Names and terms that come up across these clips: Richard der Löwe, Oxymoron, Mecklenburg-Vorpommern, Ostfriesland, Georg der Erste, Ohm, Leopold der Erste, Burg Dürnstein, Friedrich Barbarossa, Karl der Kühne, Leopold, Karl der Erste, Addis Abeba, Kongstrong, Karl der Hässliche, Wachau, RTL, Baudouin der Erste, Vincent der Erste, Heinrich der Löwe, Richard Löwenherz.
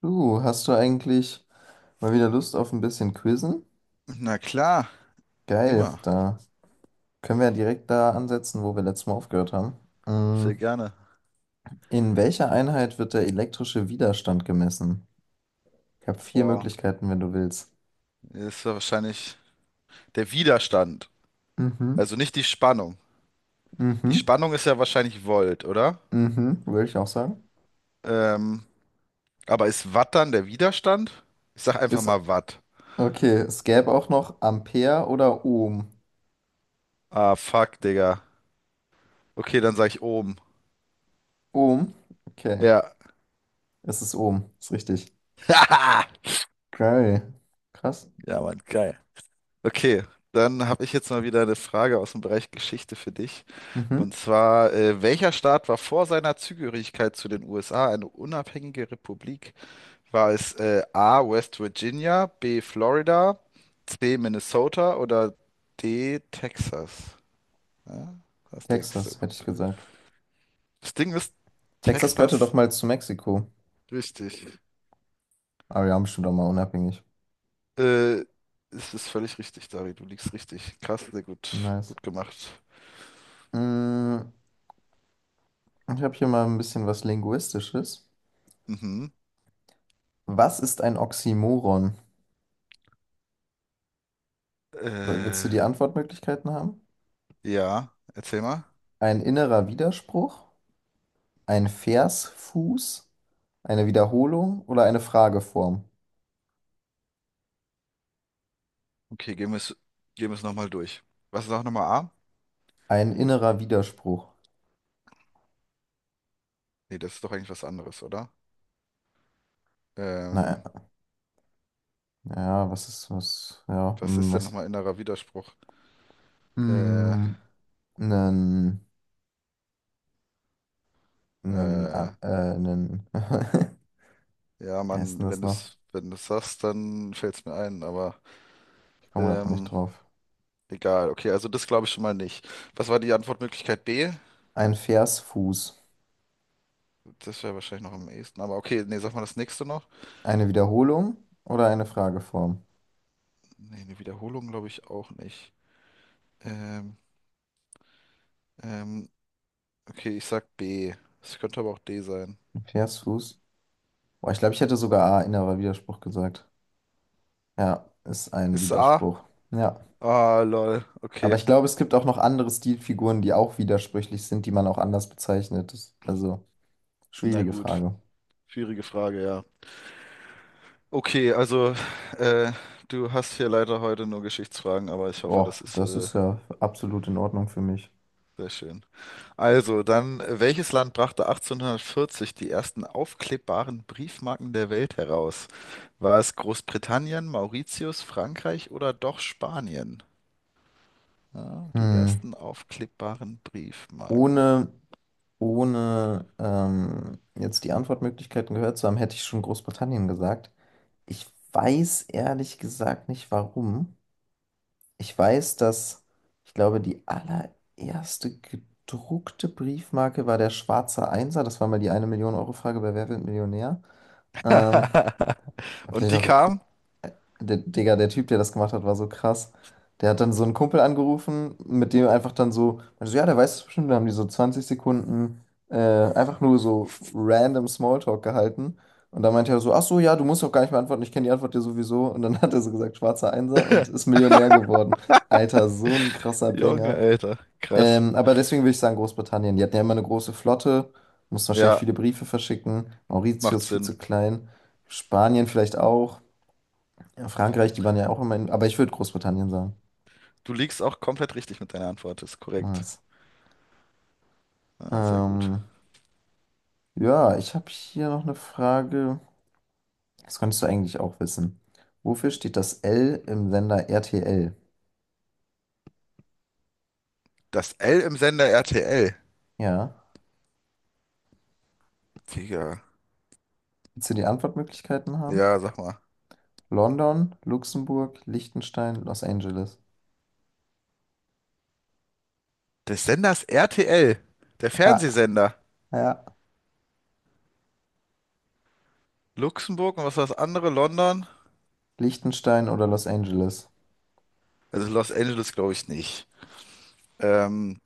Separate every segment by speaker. Speaker 1: Du, hast du eigentlich mal wieder Lust auf ein bisschen Quizzen?
Speaker 2: Na klar,
Speaker 1: Geil,
Speaker 2: immer.
Speaker 1: da können wir ja direkt da ansetzen, wo wir letztes Mal aufgehört haben. Mm,
Speaker 2: Sehr gerne.
Speaker 1: In welcher Einheit wird der elektrische Widerstand gemessen? Ich habe vier
Speaker 2: Boah,
Speaker 1: Möglichkeiten, wenn du willst.
Speaker 2: das ist ja wahrscheinlich der Widerstand.
Speaker 1: Mhm.
Speaker 2: Also nicht die Spannung. Die
Speaker 1: Mhm.
Speaker 2: Spannung ist ja wahrscheinlich Volt, oder?
Speaker 1: Mhm, würde ich auch sagen.
Speaker 2: Ähm, aber ist Watt dann der Widerstand? Ich sag einfach
Speaker 1: Ist,
Speaker 2: mal Watt.
Speaker 1: okay, es gäbe auch noch Ampere oder Ohm.
Speaker 2: Ah, fuck, Digga. Okay, dann sag ich Ohm.
Speaker 1: Ohm? Okay,
Speaker 2: Ja.
Speaker 1: es ist Ohm, ist richtig. Geil, krass.
Speaker 2: Ja, Mann, geil. Okay, dann habe ich jetzt mal wieder eine Frage aus dem Bereich Geschichte für dich. Und
Speaker 1: Mhm.
Speaker 2: zwar, welcher Staat war vor seiner Zugehörigkeit zu den USA eine unabhängige Republik? War es A, West Virginia, B, Florida, C, Minnesota oder D, Texas? Ja, was denkst du?
Speaker 1: Texas, hätte ich gesagt.
Speaker 2: Das Ding ist
Speaker 1: Texas gehörte doch
Speaker 2: Texas
Speaker 1: mal zu Mexiko.
Speaker 2: richtig.
Speaker 1: Aber wir haben bestimmt auch mal unabhängig.
Speaker 2: Äh, es ist völlig richtig, Dari, du liegst richtig. Krass, sehr gut,
Speaker 1: Nice.
Speaker 2: gut gemacht.
Speaker 1: Mm, Ich habe hier mal ein bisschen was Linguistisches.
Speaker 2: Mhm.
Speaker 1: Was ist ein Oxymoron? Willst du
Speaker 2: Äh,
Speaker 1: die Antwortmöglichkeiten haben?
Speaker 2: ja, erzähl mal.
Speaker 1: Ein innerer Widerspruch, ein Versfuß, eine Wiederholung oder eine Frageform?
Speaker 2: Okay, gehen wir es nochmal durch. Was ist auch nochmal A?
Speaker 1: Ein innerer Widerspruch.
Speaker 2: Nee, das ist doch eigentlich was anderes, oder?
Speaker 1: Naja,
Speaker 2: Ähm,
Speaker 1: ja, was ist was? Ja,
Speaker 2: was ist denn
Speaker 1: was?
Speaker 2: nochmal innerer Widerspruch? Äh,
Speaker 1: Hm, nen, nen,
Speaker 2: äh,
Speaker 1: a- äh, nen. Wie
Speaker 2: Ja,
Speaker 1: heißt denn
Speaker 2: Mann, wenn
Speaker 1: das
Speaker 2: du
Speaker 1: noch?
Speaker 2: es wenn du's sagst, dann fällt es mir ein, aber
Speaker 1: Ich komme gerade auch nicht
Speaker 2: ähm,
Speaker 1: drauf.
Speaker 2: egal. Okay, also das glaube ich schon mal nicht. Was war die Antwortmöglichkeit B?
Speaker 1: Ein Versfuß.
Speaker 2: Das wäre wahrscheinlich noch am ehesten, aber okay, nee, sag mal das nächste noch.
Speaker 1: Eine Wiederholung oder eine Frageform?
Speaker 2: Nee, eine Wiederholung glaube ich auch nicht. Ähm, ähm, okay, ich sag B. Es könnte aber auch D sein.
Speaker 1: Versus. Boah, ich glaube, ich hätte sogar A, innerer Widerspruch gesagt. Ja, ist ein
Speaker 2: Ist es A?
Speaker 1: Widerspruch. Ja.
Speaker 2: Ah, lol.
Speaker 1: Aber
Speaker 2: Okay,
Speaker 1: ich glaube, es gibt auch noch andere Stilfiguren, die auch widersprüchlich sind, die man auch anders bezeichnet. Also,
Speaker 2: na
Speaker 1: schwierige
Speaker 2: gut.
Speaker 1: Frage.
Speaker 2: Schwierige Frage, ja. Okay, also äh, du hast hier leider heute nur Geschichtsfragen, aber ich hoffe,
Speaker 1: Boah,
Speaker 2: das ist
Speaker 1: das ist ja absolut in Ordnung für mich.
Speaker 2: sehr schön. Also, dann, welches Land brachte 1840 die ersten aufklebbaren Briefmarken der Welt heraus? War es Großbritannien, Mauritius, Frankreich oder doch Spanien? Ja, die
Speaker 1: Hm.
Speaker 2: ersten aufklebbaren Briefmarken.
Speaker 1: Ohne, ohne jetzt die Antwortmöglichkeiten gehört zu haben, hätte ich schon Großbritannien gesagt. Ich weiß ehrlich gesagt nicht, warum. Ich weiß, dass, Ich glaube, die allererste gedruckte Briefmarke war der schwarze Einser. Das war mal die eine Million Euro Frage bei Wer wird Millionär? Ähm, ja,
Speaker 2: Und
Speaker 1: vielleicht
Speaker 2: die
Speaker 1: auch
Speaker 2: kam?
Speaker 1: Digga, der Typ, der das gemacht hat, war so krass. Der hat dann so einen Kumpel angerufen, mit dem einfach dann so, also ja, der weiß es bestimmt, da haben die so 20 Sekunden einfach nur so random Smalltalk gehalten. Und dann meinte er so, ach so, ja, du musst doch gar nicht mehr antworten, ich kenne die Antwort ja sowieso. Und dann hat er so gesagt, schwarzer Einser und ist Millionär geworden. Alter, so ein krasser
Speaker 2: Junge,
Speaker 1: Banger.
Speaker 2: Alter, krass.
Speaker 1: Aber deswegen würde ich sagen, Großbritannien. Die hatten ja immer eine große Flotte, mussten wahrscheinlich
Speaker 2: Ja,
Speaker 1: viele Briefe verschicken.
Speaker 2: macht
Speaker 1: Mauritius viel
Speaker 2: Sinn.
Speaker 1: zu klein. Spanien vielleicht auch. Ja, Frankreich, die waren ja auch immer in, aber ich würde Großbritannien sagen.
Speaker 2: Du liegst auch komplett richtig mit deiner Antwort, ist korrekt.
Speaker 1: Nice.
Speaker 2: Ja, sehr gut.
Speaker 1: Ähm, ja, ich habe hier noch eine Frage. Das könntest du eigentlich auch wissen. Wofür steht das L im Sender RTL?
Speaker 2: Das L im Sender RTL.
Speaker 1: Ja.
Speaker 2: Digga.
Speaker 1: Willst du die Antwortmöglichkeiten haben?
Speaker 2: Ja, sag mal.
Speaker 1: London, Luxemburg, Liechtenstein, Los Angeles.
Speaker 2: Des Senders RTL. Der
Speaker 1: Ja,
Speaker 2: Fernsehsender.
Speaker 1: ja.
Speaker 2: Luxemburg und was war das andere? London?
Speaker 1: Liechtenstein oder Los Angeles?
Speaker 2: Also Los Angeles glaube ich nicht. Ähm,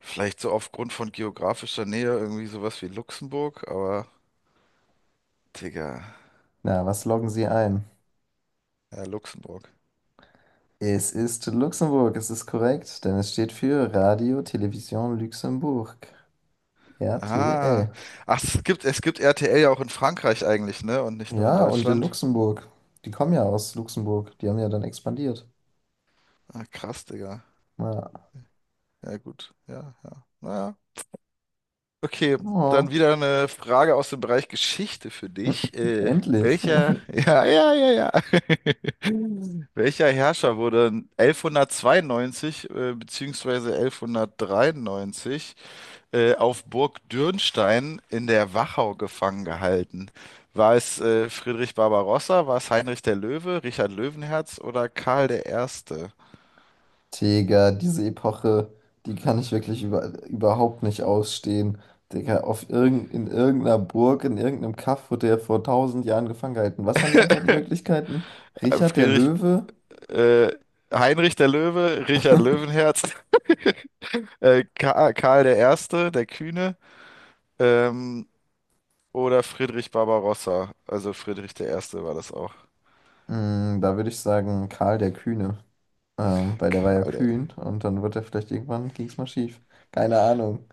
Speaker 2: vielleicht so aufgrund von geografischer Nähe irgendwie sowas wie Luxemburg, aber Digga,
Speaker 1: Na, was loggen Sie ein?
Speaker 2: ja, Luxemburg.
Speaker 1: Es ist Luxemburg, es ist korrekt, denn es steht für Radio Television Luxemburg,
Speaker 2: Aha.
Speaker 1: RTL.
Speaker 2: Ach, es gibt RTL ja auch in Frankreich eigentlich, ne? Und nicht nur in
Speaker 1: Ja, und in
Speaker 2: Deutschland.
Speaker 1: Luxemburg. Die kommen ja aus Luxemburg. Die haben ja dann expandiert.
Speaker 2: Ah, krass, Digga.
Speaker 1: Ja.
Speaker 2: Ja, gut. Ja, ja. Naja. Okay, dann
Speaker 1: Oh.
Speaker 2: wieder eine Frage aus dem Bereich Geschichte für dich.
Speaker 1: Endlich.
Speaker 2: Welcher? Ja, ja, ja, ja. Welcher Herrscher wurde 1192 bzw. 1193 auf Burg Dürnstein in der Wachau gefangen gehalten? War es Friedrich Barbarossa, war es Heinrich der Löwe, Richard Löwenherz oder Karl der Erste?
Speaker 1: Digga, diese Epoche, die kann ich wirklich überhaupt nicht ausstehen. Digga, in irgendeiner Burg, in irgendeinem Kaff wurde er vor tausend Jahren gefangen gehalten. Was waren die Antwortmöglichkeiten?
Speaker 2: Äh,
Speaker 1: Richard der
Speaker 2: Friedrich,
Speaker 1: Löwe?
Speaker 2: äh, Heinrich der Löwe, Richard Löwenherz, Ka Karl der Erste, der Kühne, ähm, oder Friedrich Barbarossa. Also Friedrich der Erste war das auch.
Speaker 1: Da würde ich sagen, Karl der Kühne. Weil der war ja
Speaker 2: Karl der.
Speaker 1: kühn und dann wird er vielleicht irgendwann, ging es mal schief. Keine Ahnung.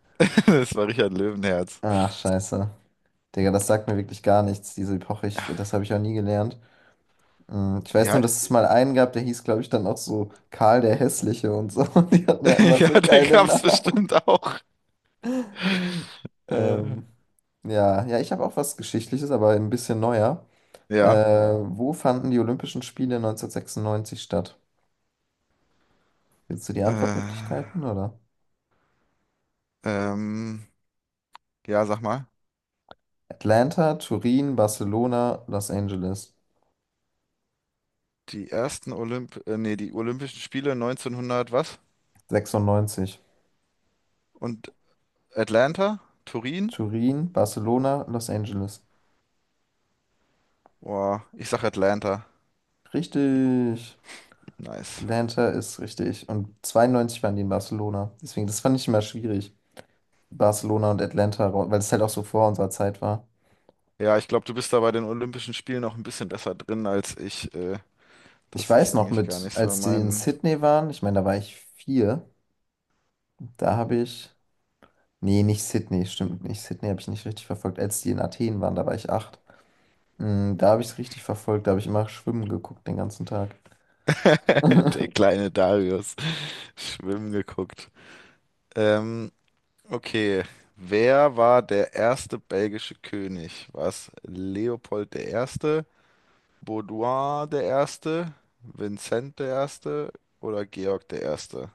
Speaker 2: Das war Richard Löwenherz.
Speaker 1: Ach, scheiße. Digga, das sagt mir wirklich gar nichts, diese Epoche. Das habe ich auch nie gelernt. Ich weiß nur,
Speaker 2: Ja,
Speaker 1: dass es mal einen gab, der hieß, glaube ich, dann auch so Karl der Hässliche und so. Und die hatten ja immer
Speaker 2: ja,
Speaker 1: so
Speaker 2: den
Speaker 1: geile
Speaker 2: gab's
Speaker 1: Namen.
Speaker 2: bestimmt auch. Äh,
Speaker 1: Ähm, ja, ja, ich habe auch was Geschichtliches, aber ein bisschen neuer.
Speaker 2: ja,
Speaker 1: Wo fanden die Olympischen Spiele 1996 statt? Willst du die
Speaker 2: äh,
Speaker 1: Antwortmöglichkeiten, oder?
Speaker 2: ähm, ja, sag mal.
Speaker 1: Atlanta, Turin, Barcelona, Los Angeles.
Speaker 2: Die Olympischen Spiele 1900 was?
Speaker 1: 96.
Speaker 2: Und Atlanta? Turin?
Speaker 1: Turin, Barcelona, Los Angeles.
Speaker 2: Boah, ich sag Atlanta.
Speaker 1: Richtig.
Speaker 2: Nice.
Speaker 1: Atlanta ist richtig. Und 92 waren die in Barcelona. Deswegen, das fand ich immer schwierig. Barcelona und Atlanta, weil es halt auch so vor unserer Zeit war.
Speaker 2: Ja, ich glaube, du bist da bei den Olympischen Spielen noch ein bisschen besser drin als ich.
Speaker 1: Ich
Speaker 2: Das
Speaker 1: weiß
Speaker 2: ist
Speaker 1: noch
Speaker 2: eigentlich gar
Speaker 1: mit,
Speaker 2: nicht so
Speaker 1: als die in
Speaker 2: mein.
Speaker 1: Sydney waren, ich meine, da war ich 4, da habe ich, nee, nicht Sydney, stimmt nicht. Sydney habe ich nicht richtig verfolgt. Als die in Athen waren, da war ich 8. Da habe ich es richtig verfolgt, da habe ich immer schwimmen geguckt den ganzen Tag.
Speaker 2: Der kleine Darius. Schwimmen geguckt. Ähm, Okay, wer war der erste belgische König? War es Leopold der Erste, Baudouin der Erste, Vincent der Erste oder Georg der Erste?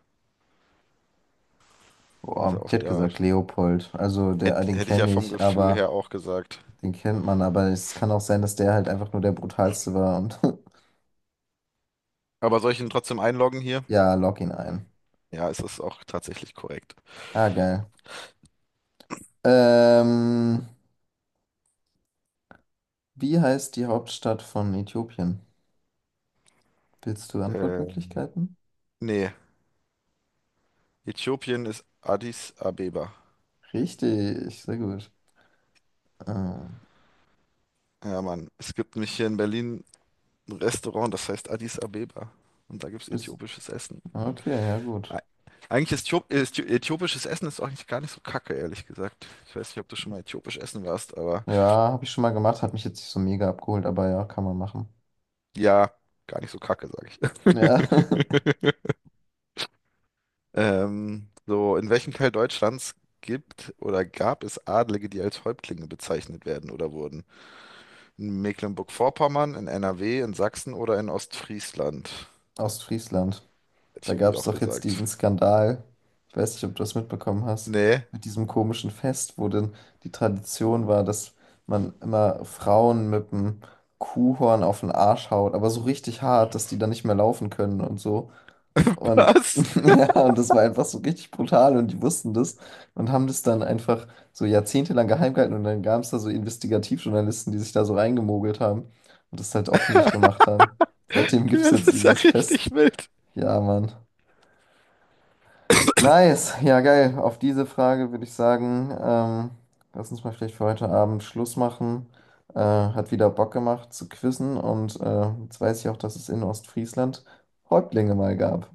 Speaker 2: Ist ja
Speaker 1: Boah, ich
Speaker 2: auch
Speaker 1: hätte
Speaker 2: wieder.
Speaker 1: gesagt Leopold. Also der, den
Speaker 2: Hätte ich ja
Speaker 1: kenne
Speaker 2: vom
Speaker 1: ich,
Speaker 2: Gefühl
Speaker 1: aber
Speaker 2: her auch gesagt.
Speaker 1: den kennt man, aber es kann auch sein, dass der halt einfach nur der brutalste war und
Speaker 2: Aber soll ich ihn trotzdem einloggen hier?
Speaker 1: Ja, log ihn ein.
Speaker 2: Ja, es ist auch tatsächlich korrekt.
Speaker 1: Ah, geil. Ähm, Wie heißt die Hauptstadt von Äthiopien? Willst du
Speaker 2: Äh,
Speaker 1: Antwortmöglichkeiten?
Speaker 2: nee, Äthiopien ist Addis Abeba.
Speaker 1: Richtig, sehr gut. Ähm,
Speaker 2: Ja, Mann, es gibt nämlich hier in Berlin ein Restaurant, das heißt Addis Abeba. Und da gibt es
Speaker 1: bist,
Speaker 2: äthiopisches Essen.
Speaker 1: okay, ja gut.
Speaker 2: Ei- Eigentlich ist Äthiop- Äthi- äthiopisches Essen ist auch nicht, gar nicht so kacke, ehrlich gesagt. Ich weiß nicht, ob du schon mal äthiopisch essen warst, aber
Speaker 1: Ja, habe ich schon mal gemacht, hat mich jetzt nicht so mega abgeholt, aber ja, kann man machen.
Speaker 2: ja, gar nicht so kacke, sag ich.
Speaker 1: Ja,
Speaker 2: So, in welchem Teil Deutschlands gibt oder gab es Adlige, die als Häuptlinge bezeichnet werden oder wurden? In Mecklenburg-Vorpommern, in NRW, in Sachsen oder in Ostfriesland?
Speaker 1: Ostfriesland.
Speaker 2: Hätte ich
Speaker 1: Da gab
Speaker 2: irgendwie
Speaker 1: es
Speaker 2: auch
Speaker 1: doch jetzt
Speaker 2: gesagt.
Speaker 1: diesen Skandal, ich weiß nicht, ob du das mitbekommen hast,
Speaker 2: Nee.
Speaker 1: mit diesem komischen Fest, wo denn die Tradition war, dass man immer Frauen mit dem Kuhhorn auf den Arsch haut, aber so richtig hart, dass die dann nicht mehr laufen können und so. Und
Speaker 2: Was?
Speaker 1: ja, und das war einfach so richtig brutal und die wussten das und haben das dann einfach so jahrzehntelang geheim gehalten und dann gab es da so Investigativjournalisten, die sich da so reingemogelt haben und das halt öffentlich gemacht haben. Seitdem gibt es
Speaker 2: das
Speaker 1: jetzt
Speaker 2: ist ja
Speaker 1: dieses
Speaker 2: richtig
Speaker 1: Fest.
Speaker 2: wild.
Speaker 1: Ja, Mann. Nice, ja geil. Auf diese Frage würde ich sagen, lass uns mal vielleicht für heute Abend Schluss machen. Hat wieder Bock gemacht zu quizzen und jetzt weiß ich auch, dass es in Ostfriesland Häuptlinge mal gab.